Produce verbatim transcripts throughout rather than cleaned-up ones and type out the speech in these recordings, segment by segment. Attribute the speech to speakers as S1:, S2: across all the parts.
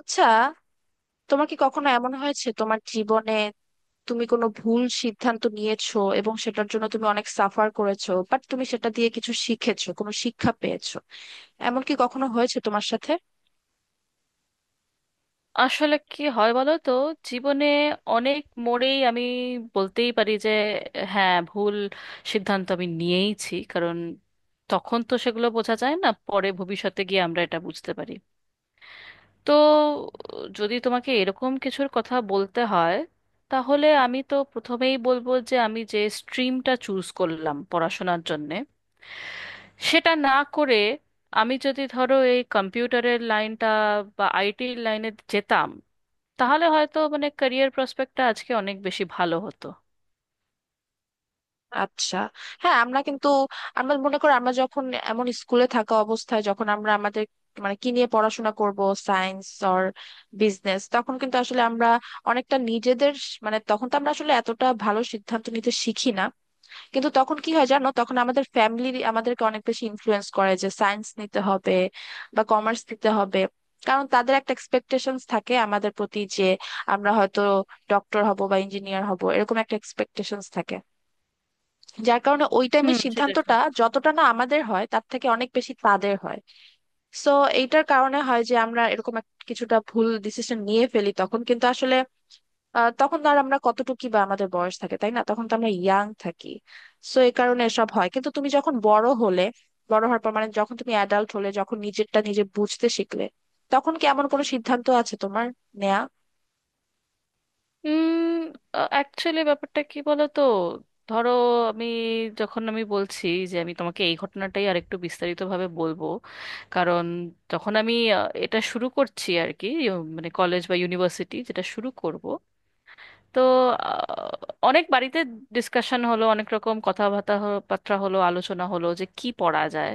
S1: আচ্ছা, তোমার কি কখনো এমন হয়েছে তোমার জীবনে তুমি কোনো ভুল সিদ্ধান্ত নিয়েছো এবং সেটার জন্য তুমি অনেক সাফার করেছো, বাট তুমি সেটা দিয়ে কিছু শিখেছো, কোনো শিক্ষা পেয়েছো? এমন কি কখনো হয়েছে তোমার সাথে?
S2: আসলে কি হয় বলো তো? জীবনে অনেক মোড়েই আমি বলতেই পারি যে হ্যাঁ, ভুল সিদ্ধান্ত আমি নিয়েইছি, কারণ তখন তো সেগুলো বোঝা যায় না, পরে ভবিষ্যতে গিয়ে আমরা এটা বুঝতে পারি। তো যদি তোমাকে এরকম কিছুর কথা বলতে হয়, তাহলে আমি তো প্রথমেই বলবো যে আমি যে স্ট্রিমটা চুজ করলাম পড়াশোনার জন্যে, সেটা না করে আমি যদি ধরো এই কম্পিউটারের লাইনটা বা আইটির লাইনে যেতাম, তাহলে হয়তো মানে ক্যারিয়ার প্রসপেক্টটা আজকে অনেক বেশি ভালো হতো।
S1: আচ্ছা। হ্যাঁ, আমরা কিন্তু আমরা মনে করো আমরা যখন এমন স্কুলে থাকা অবস্থায়, যখন আমরা আমাদের মানে কি নিয়ে পড়াশোনা করব, সায়েন্স অর বিজনেস, তখন কিন্তু আসলে আমরা অনেকটা নিজেদের স- মানে তখন তো আমরা আসলে এতটা ভালো সিদ্ধান্ত নিতে শিখি না। কিন্তু তখন কি হয় জানো, তখন আমাদের ফ্যামিলি আমাদেরকে অনেক বেশি ইনফ্লুয়েন্স করে যে সায়েন্স নিতে হবে বা কমার্স নিতে হবে, কারণ তাদের একটা এক্সপেকটেশনস থাকে আমাদের প্রতি যে আমরা হয়তো ডক্টর হব বা ইঞ্জিনিয়ার হব, এরকম একটা এক্সপেকটেশনস থাকে, যার কারণে ওই
S2: হুম,
S1: টাইমের
S2: সেটা
S1: সিদ্ধান্তটা
S2: ঠিক।
S1: যতটা না আমাদের হয় তার থেকে অনেক বেশি তাদের হয়। সো এইটার কারণে হয় যে আমরা এরকম এক- কিছুটা ভুল ডিসিশন নিয়ে ফেলি তখন, কিন্তু আসলে আহ তখন তো আর আমরা কতটুকু বা আমাদের বয়স থাকে, তাই না? তখন তো আমরা ইয়াং থাকি। সো এই কারণে এসব হয়, কিন্তু তুমি যখন বড় হলে, বড় হওয়ার পর, মানে যখন তুমি অ্যাডাল্ট হলে, যখন নিজেরটা নিজে বুঝতে শিখলে, তখন কি এমন কোনো সিদ্ধান্ত আছে তোমার নেয়া?
S2: উম অ্যাকচুয়ালি ব্যাপারটা কি বলতো, ধরো আমি যখন আমি বলছি যে আমি তোমাকে এই ঘটনাটাই আরেকটু বিস্তারিতভাবে বলবো, কারণ যখন আমি আহ, এটা শুরু করছি আর কি, ইউ- মানে কলেজ বা ইউনিভার্সিটি যেটা শুরু করব। তো আহ, অনেক বাড়িতে ডিসকাশন হলো, অনেক রকম কথাবার্তা হ- বার্তা হলো, আলোচনা হলো যে কি পড়া যায়।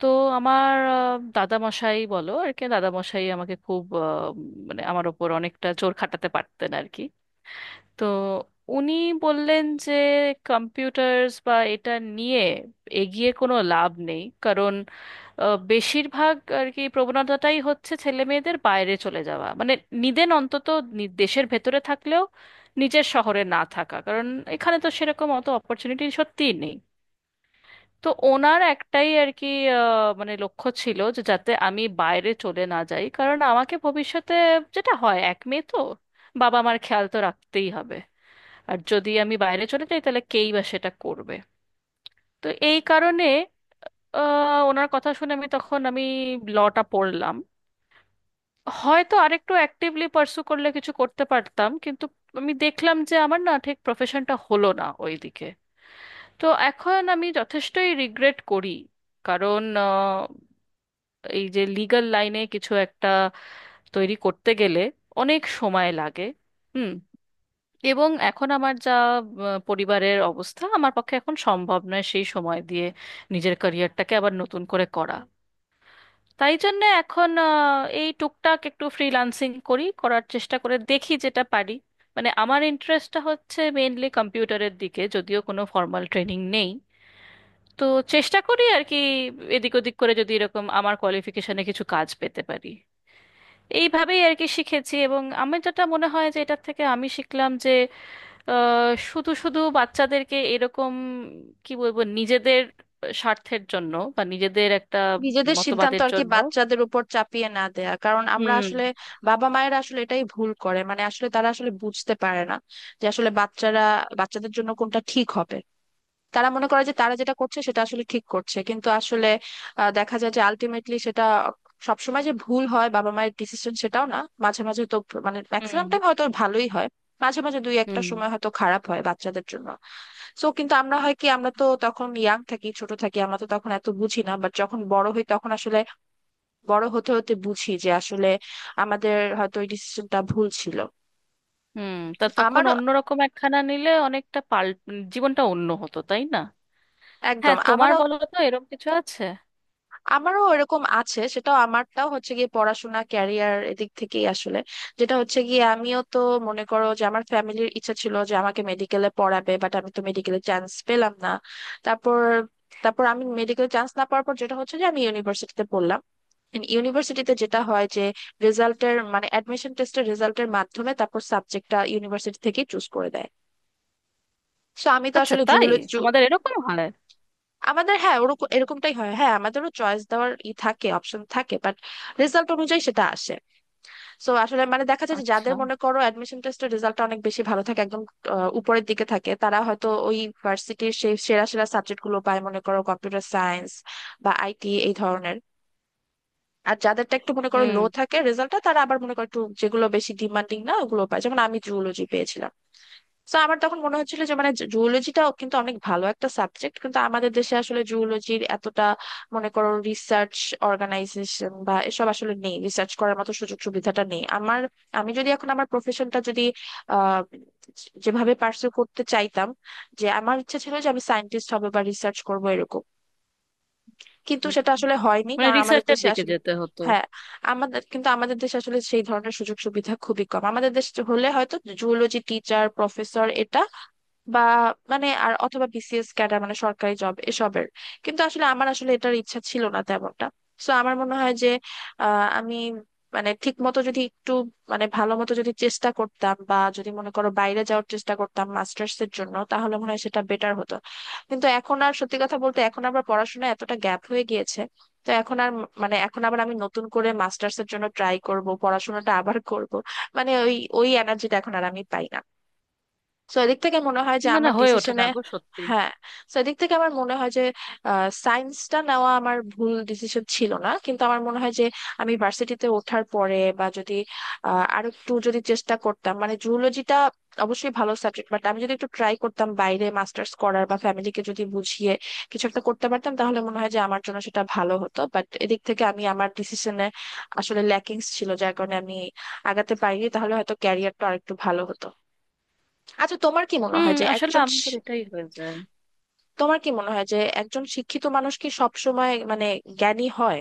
S2: তো আমার আহ, দাদামশাই, বলো আর কি, দাদামশাই আমাকে খুব আহ, মানে আমার ওপর অনেকটা জোর খাটাতে পারতেন আর কি। তো উনি বললেন যে কম্পিউটার্স বা এটা নিয়ে এগিয়ে কোনো লাভ নেই, কারণ আহ, বেশিরভাগ আর কি প্রবণতাটাই হচ্ছে ছেলে মেয়েদের বাইরে চলে যাওয়া, মানে নিদেন অন্তত নি- দেশের ভেতরে থাকলেও নিজের শহরে না থাকা, কারণ এখানে তো সেরকম অত অপরচুনিটি সত্যিই নেই। তো ওনার একটাই আর কি আহ, মানে লক্ষ্য ছিল যে যাতে আমি বাইরে চলে না যাই, কারণ আমাকে ভবিষ্যতে, যেটা হয় এক মেয়ে তো, বাবা মার খেয়াল তো রাখতেই হবে, আর যদি আমি বাইরে চলে যাই তাহলে কেই বা সেটা করবে। তো এই কারণে আহ, ওনার কথা শুনে আমি তখন আমি লটা পড়লাম। হয়তো আরেকটু অ্যাক্টিভলি পার্সু করলে কিছু করতে পারতাম, কিন্তু আমি দেখলাম যে আমার না ঠিক প্রফেশনটা হলো না ওইদিকে। তো এখন আমি যথেষ্টই রিগ্রেট করি, কারণ এই যে লিগ্যাল লাইনে কিছু একটা তৈরি করতে গেলে অনেক সময় লাগে। হুম। এবং এখন আমার যা আহ, পরিবারের অবস্থা, আমার পক্ষে এখন সম্ভব নয় সেই সময় দিয়ে নিজের ক্যারিয়ারটাকে আবার নতুন করে করা। তাই জন্য এখন আহ, এই টুকটাক একটু ফ্রিল্যান্সিং করি, করার চেষ্টা করে দেখি যেটা পারি। মানে আমার ইন্টারেস্টটা হচ্ছে মেইনলি কম্পিউটারের দিকে, যদিও কোনো ফর্মাল ট্রেনিং নেই। তো চেষ্টা করি আর কি, এদিক ওদিক করে যদি এরকম আমার কোয়ালিফিকেশনে কিছু কাজ পেতে পারি। এইভাবেই আর কি শিখেছি, এবং আমি যেটা মনে হয় যে এটার থেকে আমি শিখলাম যে আহ, শুধু শুধু বাচ্চাদেরকে এরকম, কি বলবো, নিজেদের স্বার্থের জন্য বা নিজেদের একটা
S1: নিজেদের সিদ্ধান্ত
S2: মতবাদের
S1: আর কি
S2: জন্য।
S1: বাচ্চাদের উপর চাপিয়ে না দেয়া, কারণ আমরা
S2: হুম।
S1: আসলে বাবা মায়েরা আসলে এটাই ভুল করে, মানে আসলে তারা আসলে বুঝতে পারে না যে আসলে বাচ্চারা বাচ্চাদের জন্য কোনটা ঠিক হবে। তারা মনে করে যে তারা যেটা করছে সেটা আসলে ঠিক করছে, কিন্তু আসলে আহ, দেখা যায় যে আলটিমেটলি সেটা সবসময় যে ভুল হয় বাবা মায়ের ডিসিশন, সেটাও না। মাঝে মাঝে তো মানে
S2: হুম।
S1: ম্যাক্সিমাম টাইম হয়তো ভালোই হয়, মাঝে মাঝে দুই একটা
S2: হুম।
S1: সময় হয়তো খারাপ হয় বাচ্চাদের জন্য। সো কিন্তু আমরা হয় কি, আমরা তো তখন ইয়াং থাকি, ছোট থাকি, আমরা তো তখন এত বুঝি না, বাট যখন বড় হই তখন আসলে বড় হতে হতে বুঝি যে আসলে আমাদের হয়তো ওই ডিসিশনটা ভুল ছিল।
S2: হুম। তা তখন
S1: আমারও,
S2: অন্যরকম একখানা নিলে অনেকটা পাল জীবনটা অন্য হতো, তাই না?
S1: একদম
S2: হ্যাঁ, তোমার
S1: আমারও।
S2: বলো তো এরকম কিছু আছে?
S1: আমারও এরকম আছে, সেটা আমারটাও হচ্ছে গিয়ে পড়াশোনা, ক্যারিয়ার এদিক থেকেই আসলে, যেটা হচ্ছে গিয়ে আমিও তো মনে করো যে আমার ফ্যামিলির ইচ্ছা ছিল যে আমাকে মেডিকেলে পড়াবে, বাট আমি তো মেডিকেলে চান্স পেলাম না। তারপর, তারপর আমি মেডিকেল চান্স না পাওয়ার পর যেটা হচ্ছে যে আমি ইউনিভার্সিটিতে পড়লাম। ইউনিভার্সিটিতে যেটা হয় যে রেজাল্টের, মানে অ্যাডমিশন টেস্টের রেজাল্টের মাধ্যমে তারপর সাবজেক্টটা ইউনিভার্সিটি থেকেই চুজ করে দেয়। তো আমি তো
S2: আচ্ছা,
S1: আসলে
S2: তাই? তোমাদের এরকম হয়?
S1: আমাদের, হ্যাঁ, ওরকম এরকমটাই হয়, হ্যাঁ, আমাদেরও চয়েস দেওয়ার ই থাকে, অপশন থাকে, বাট রেজাল্ট অনুযায়ী সেটা আসে। সো আসলে মানে দেখা যায় যে
S2: আচ্ছা।
S1: যাদের মনে করো অ্যাডমিশন টেস্টের রেজাল্টটা অনেক বেশি ভালো থাকে, একদম আহ, উপরের দিকে থাকে, তারা হয়তো ওই ভার্সিটির সেই সেরা সেরা সাবজেক্ট গুলো পায়, মনে করো কম্পিউটার সায়েন্স বা আইটি এই ধরনের। আর যাদেরটা একটু মনে করো লো
S2: হুম।
S1: থাকে রেজাল্টটা, তারা আবার মনে করো একটু যেগুলো বেশি ডিমান্ডিং না ওগুলো পায়, যেমন আমি জুওলজি পেয়েছিলাম। তো আমার তখন মনে হচ্ছিল যে মানে জুওলজিটাও কিন্তু অনেক ভালো একটা সাবজেক্ট, কিন্তু আমাদের দেশে আসলে জুওলজির এতটা মনে করো রিসার্চ অর্গানাইজেশন বা এসব আসলে নেই, রিসার্চ করার মতো সুযোগ সুবিধাটা নেই আমার। আমি যদি এখন আমার প্রফেশনটা যদি আহ যেভাবে পার্সু করতে চাইতাম, যে আমার ইচ্ছা ছিল যে আমি সায়েন্টিস্ট হব বা রিসার্চ করব এরকম, কিন্তু
S2: হুম।
S1: সেটা আসলে হয়নি,
S2: মানে
S1: কারণ আমাদের
S2: রিসার্চের
S1: দেশে
S2: দিকে
S1: আসলে
S2: যেতে হতো।
S1: হ্যাঁ আমাদের, কিন্তু আমাদের দেশে আসলে সেই ধরনের সুযোগ সুবিধা খুবই কম। আমাদের দেশে হলে হয়তো জুওলজি টিচার, প্রফেসর, এটা বা মানে আর অথবা বিসিএস ক্যাডার মানে সরকারি জব এসবের, কিন্তু আসলে আমার আসলে এটার ইচ্ছা ছিল না তেমনটা। সো আমার মনে হয় যে আহ, আমি মানে ঠিক মতো যদি একটু, মানে ভালো মতো যদি চেষ্টা করতাম বা যদি মনে করো বাইরে যাওয়ার চেষ্টা করতাম মাস্টার্স এর জন্য, তাহলে মনে হয় সেটা বেটার হতো। কিন্তু এখন আর সত্যি কথা বলতে এখন আবার পড়াশোনায় এতটা গ্যাপ হয়ে গিয়েছে, তো এখন আর ম- মানে এখন আবার আমি নতুন করে মাস্টার্স এর জন্য ট্রাই করব, পড়াশোনাটা আবার করব, মানে ওই ওই এনার্জিটা এখন আর আমি পাই না। তো এদিক থেকে মনে হয় যে
S2: না না,
S1: আমার
S2: হয়ে ওঠে
S1: ডিসিশনে,
S2: না গো সত্যি।
S1: হ্যাঁ, তো এদিক থেকে আমার মনে হয় যে সায়েন্সটা নেওয়া আমার ভুল ডিসিশন ছিল না, কিন্তু আমার মনে হয় যে আমি ভার্সিটিতে ওঠার পরে বা যদি আহ, আরো একটু যদি চেষ্টা করতাম, মানে জুলজিটা অবশ্যই ভালো সাবজেক্ট, বাট আমি যদি একটু ট্রাই করতাম বাইরে মাস্টার্স করার বা ফ্যামিলিকে যদি বুঝিয়ে কিছু একটা করতে পারতাম, তাহলে মনে হয় যে আমার জন্য সেটা ভালো হতো। বাট এদিক থেকে আমি আমার ডিসিশনে আসলে ল্যাকিংস ছিল, যার কারণে আমি আগাতে পারিনি, তাহলে হয়তো ক্যারিয়ারটা আরেকটু ভালো হতো। আচ্ছা, তোমার কি মনে
S2: হুম,
S1: হয় যে
S2: আসলে
S1: একজন
S2: আমাদের
S1: শি-
S2: এটাই হয়ে যায়।
S1: তোমার কি মনে হয় যে একজন শিক্ষিত মানুষ কি সবসময় মানে জ্ঞানী হয়?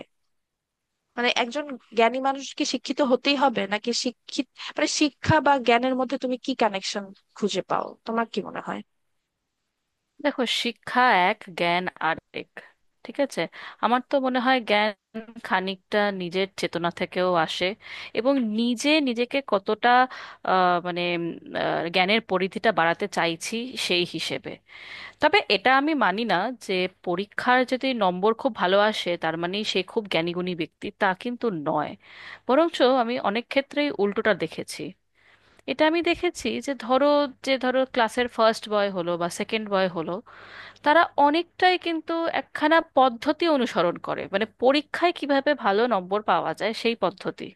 S1: মানে একজন জ্ঞানী মানুষ কি শিক্ষিত হতেই হবে, নাকি শিক্ষিত মানে শিক্ষা বা জ্ঞানের মধ্যে তুমি কি কানেকশন খুঁজে পাও? তোমার কি মনে হয়?
S2: দেখো, শিক্ষা এক, জ্ঞান আরেক, ঠিক আছে? আমার তো মনে হয় জ্ঞান খানিকটা নিজের চেতনা থেকেও আসে, এবং নিজে নিজেকে কতটা আহ, মানে উম, আহ, জ্ঞানের পরিধিটা বাড়াতে চাইছি সেই হিসেবে। তবে এটা আমি মানি না যে পরীক্ষার যদি নম্বর খুব ভালো আসে তার মানে সে খুব জ্ঞানীগুণী ব্যক্তি, তা কিন্তু নয়। বরঞ্চ আমি অনেক ক্ষেত্রেই উল্টোটা দেখেছি। এটা আমি দেখেছি যে ধরো, যে ধরো ক্লাসের ফার্স্ট বয় হলো বা সেকেন্ড বয় হলো, তারা অনেকটাই কিন্তু একখানা পদ্ধতি অনুসরণ করে, মানে পরীক্ষায় কিভাবে ভালো নম্বর পাওয়া যায় সেই পদ্ধতি,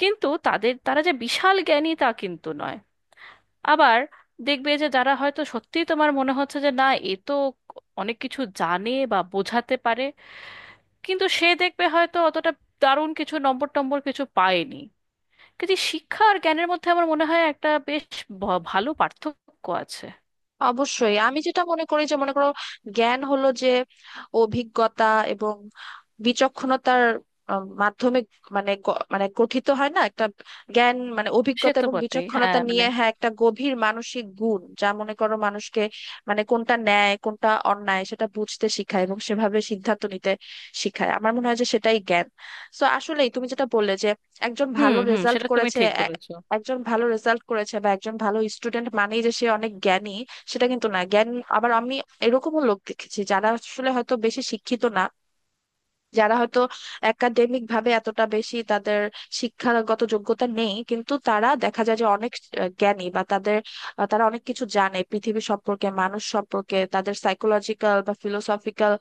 S2: কিন্তু তাদের তারা যে বিশাল জ্ঞানী তা কিন্তু নয়। আবার দেখবে যে যারা হয়তো সত্যিই তোমার মনে হচ্ছে যে না এ তো অনেক কিছু জানে বা বোঝাতে পারে, কিন্তু সে দেখবে হয়তো অতটা দারুণ কিছু নম্বর টম্বর কিছু পায়নি। কিন্তু এই শিক্ষা আর জ্ঞানের মধ্যে আমার মনে হয় একটা বেশ ভ- ভালো পার্থক্য আছে।
S1: অবশ্যই। আমি যেটা মনে করি যে মনে করো জ্ঞান হলো যে অভিজ্ঞতা এবং বিচক্ষণতার আহ, মাধ্যমে মানে গ- মানে গঠিত হয় না একটা, জ্ঞান মানে
S2: সে
S1: অভিজ্ঞতা
S2: তো
S1: এবং
S2: বটেই,
S1: বিচক্ষণতা
S2: হ্যাঁ, মানে।
S1: নিয়ে, হ্যাঁ, একটা গভীর মানসিক গুণ যা মনে করো মানুষকে মানে কোনটা ন্যায় কোনটা অন্যায় সেটা বুঝতে শেখায় এবং সেভাবে সিদ্ধান্ত নিতে শেখায়, আমার মনে হয় যে সেটাই জ্ঞান। তো আসলেই তুমি যেটা বললে যে একজন
S2: হুম,
S1: ভালো
S2: হুম,
S1: রেজাল্ট
S2: সেটা তুমি
S1: করেছে
S2: ঠিক
S1: এ-
S2: বলেছো।
S1: একজন ভালো রেজাল্ট করেছে বা একজন ভালো স্টুডেন্ট মানেই যে সে অনেক জ্ঞানী, সেটা কিন্তু না। জ্ঞান, আবার আমি এরকমও লোক দেখেছি যারা আসলে হয়তো বেশি শিক্ষিত না, যারা হয়তো একাডেমিক ভাবে এতটা বেশি তাদের শিক্ষাগত যোগ্যতা নেই, কিন্তু তারা দেখা যায় যে অনেক আহ, জ্ঞানী বা তাদের আহ, তারা অনেক কিছু জানে পৃথিবী সম্পর্কে, মানুষ সম্পর্কে, তাদের সাইকোলজিক্যাল বা ফিলোসফিক্যাল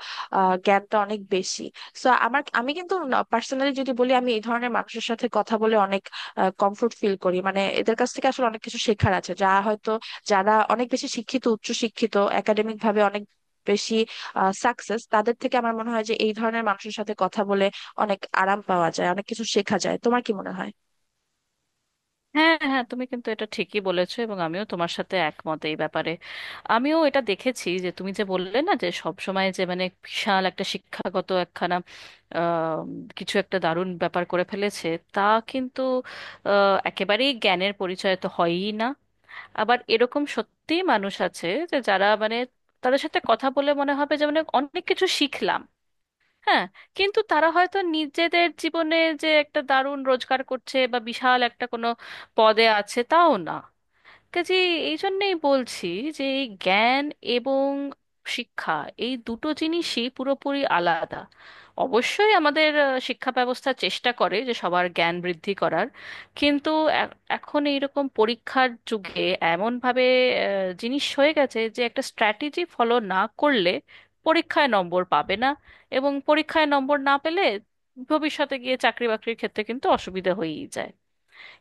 S1: জ্ঞানটা অনেক বেশি। সো আমার আমি কিন্তু পার্সোনালি যদি বলি, আমি এই ধরনের মানুষের সাথে কথা বলে অনেক কমফোর্ট ফিল করি, মানে এদের কাছ থেকে আসলে অনেক কিছু শেখার আছে, যা হয়তো যারা অনেক বেশি শিক্ষিত, উচ্চ শিক্ষিত, একাডেমিক ভাবে অনেক বেশি সাকসেস তাদের থেকে। আমার মনে হয় যে এই ধরনের মানুষের সাথে কথা বলে অনেক আরাম পাওয়া যায়, অনেক কিছু শেখা যায়। তোমার কি মনে হয়?
S2: হ্যাঁ, হ্যাঁ, তুমি কিন্তু এটা ঠিকই বলেছো, এবং আমিও তোমার সাথে একমত এই ব্যাপারে। আমিও এটা দেখেছি যে তুমি যে বললে না যে সব সময় যে মানে বিশাল একটা শিক্ষাগত একখানা আহ, কিছু একটা দারুণ ব্যাপার করে ফেলেছে, তা কিন্তু আহ, একেবারেই জ্ঞানের পরিচয় তো হয়ই না। আবার এরকম সত্যি মানুষ আছে যে যারা মানে, তাদের সাথে কথা বলে মনে হবে যে মানে অনেক কিছু শিখলাম, হ্যাঁ, কিন্তু তারা হয়তো নিজেদের জীবনে যে একটা দারুণ রোজগার করছে বা বিশাল একটা কোনো পদে আছে তাও না, কাজে। এই জন্যেই বলছি যে এই জ্ঞান এবং শিক্ষা, এই দুটো জিনিসই পুরোপুরি আলাদা। অবশ্যই আমাদের আহ, শিক্ষা ব্যবস্থা চেষ্টা করে যে সবার জ্ঞান বৃদ্ধি করার, কিন্তু এ- এখন এইরকম পরীক্ষার যুগে এমনভাবে আহ, জিনিস হয়ে গেছে যে একটা স্ট্র্যাটেজি ফলো না করলে পরীক্ষায় নম্বর পাবে না, এবং পরীক্ষায় নম্বর না পেলে ভবিষ্যতে গিয়ে চাকরি বাকরির ক্ষেত্রে কিন্তু অসুবিধা হয়েই যায়,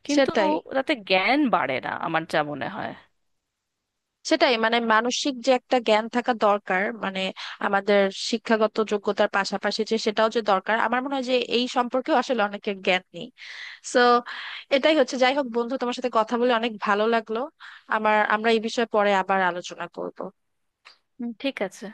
S2: কিন্তু
S1: সেটাই,
S2: তাতে জ্ঞান বাড়ে না আমার যা মনে হয়।
S1: সেটাই মানে মানসিক যে একটা জ্ঞান থাকা দরকার, মানে আমাদের শিক্ষাগত যোগ্যতার পাশাপাশি যে সেটাও যে দরকার, আমার মনে হয় যে এই সম্পর্কেও আসলে অনেকের জ্ঞান নেই। সো এটাই হচ্ছে, যাই হোক বন্ধু, তোমার সাথে কথা বলে অনেক ভালো লাগলো আমার। আমরা এই বিষয়ে পরে আবার আলোচনা করব।
S2: হুম, ঠিক আছে।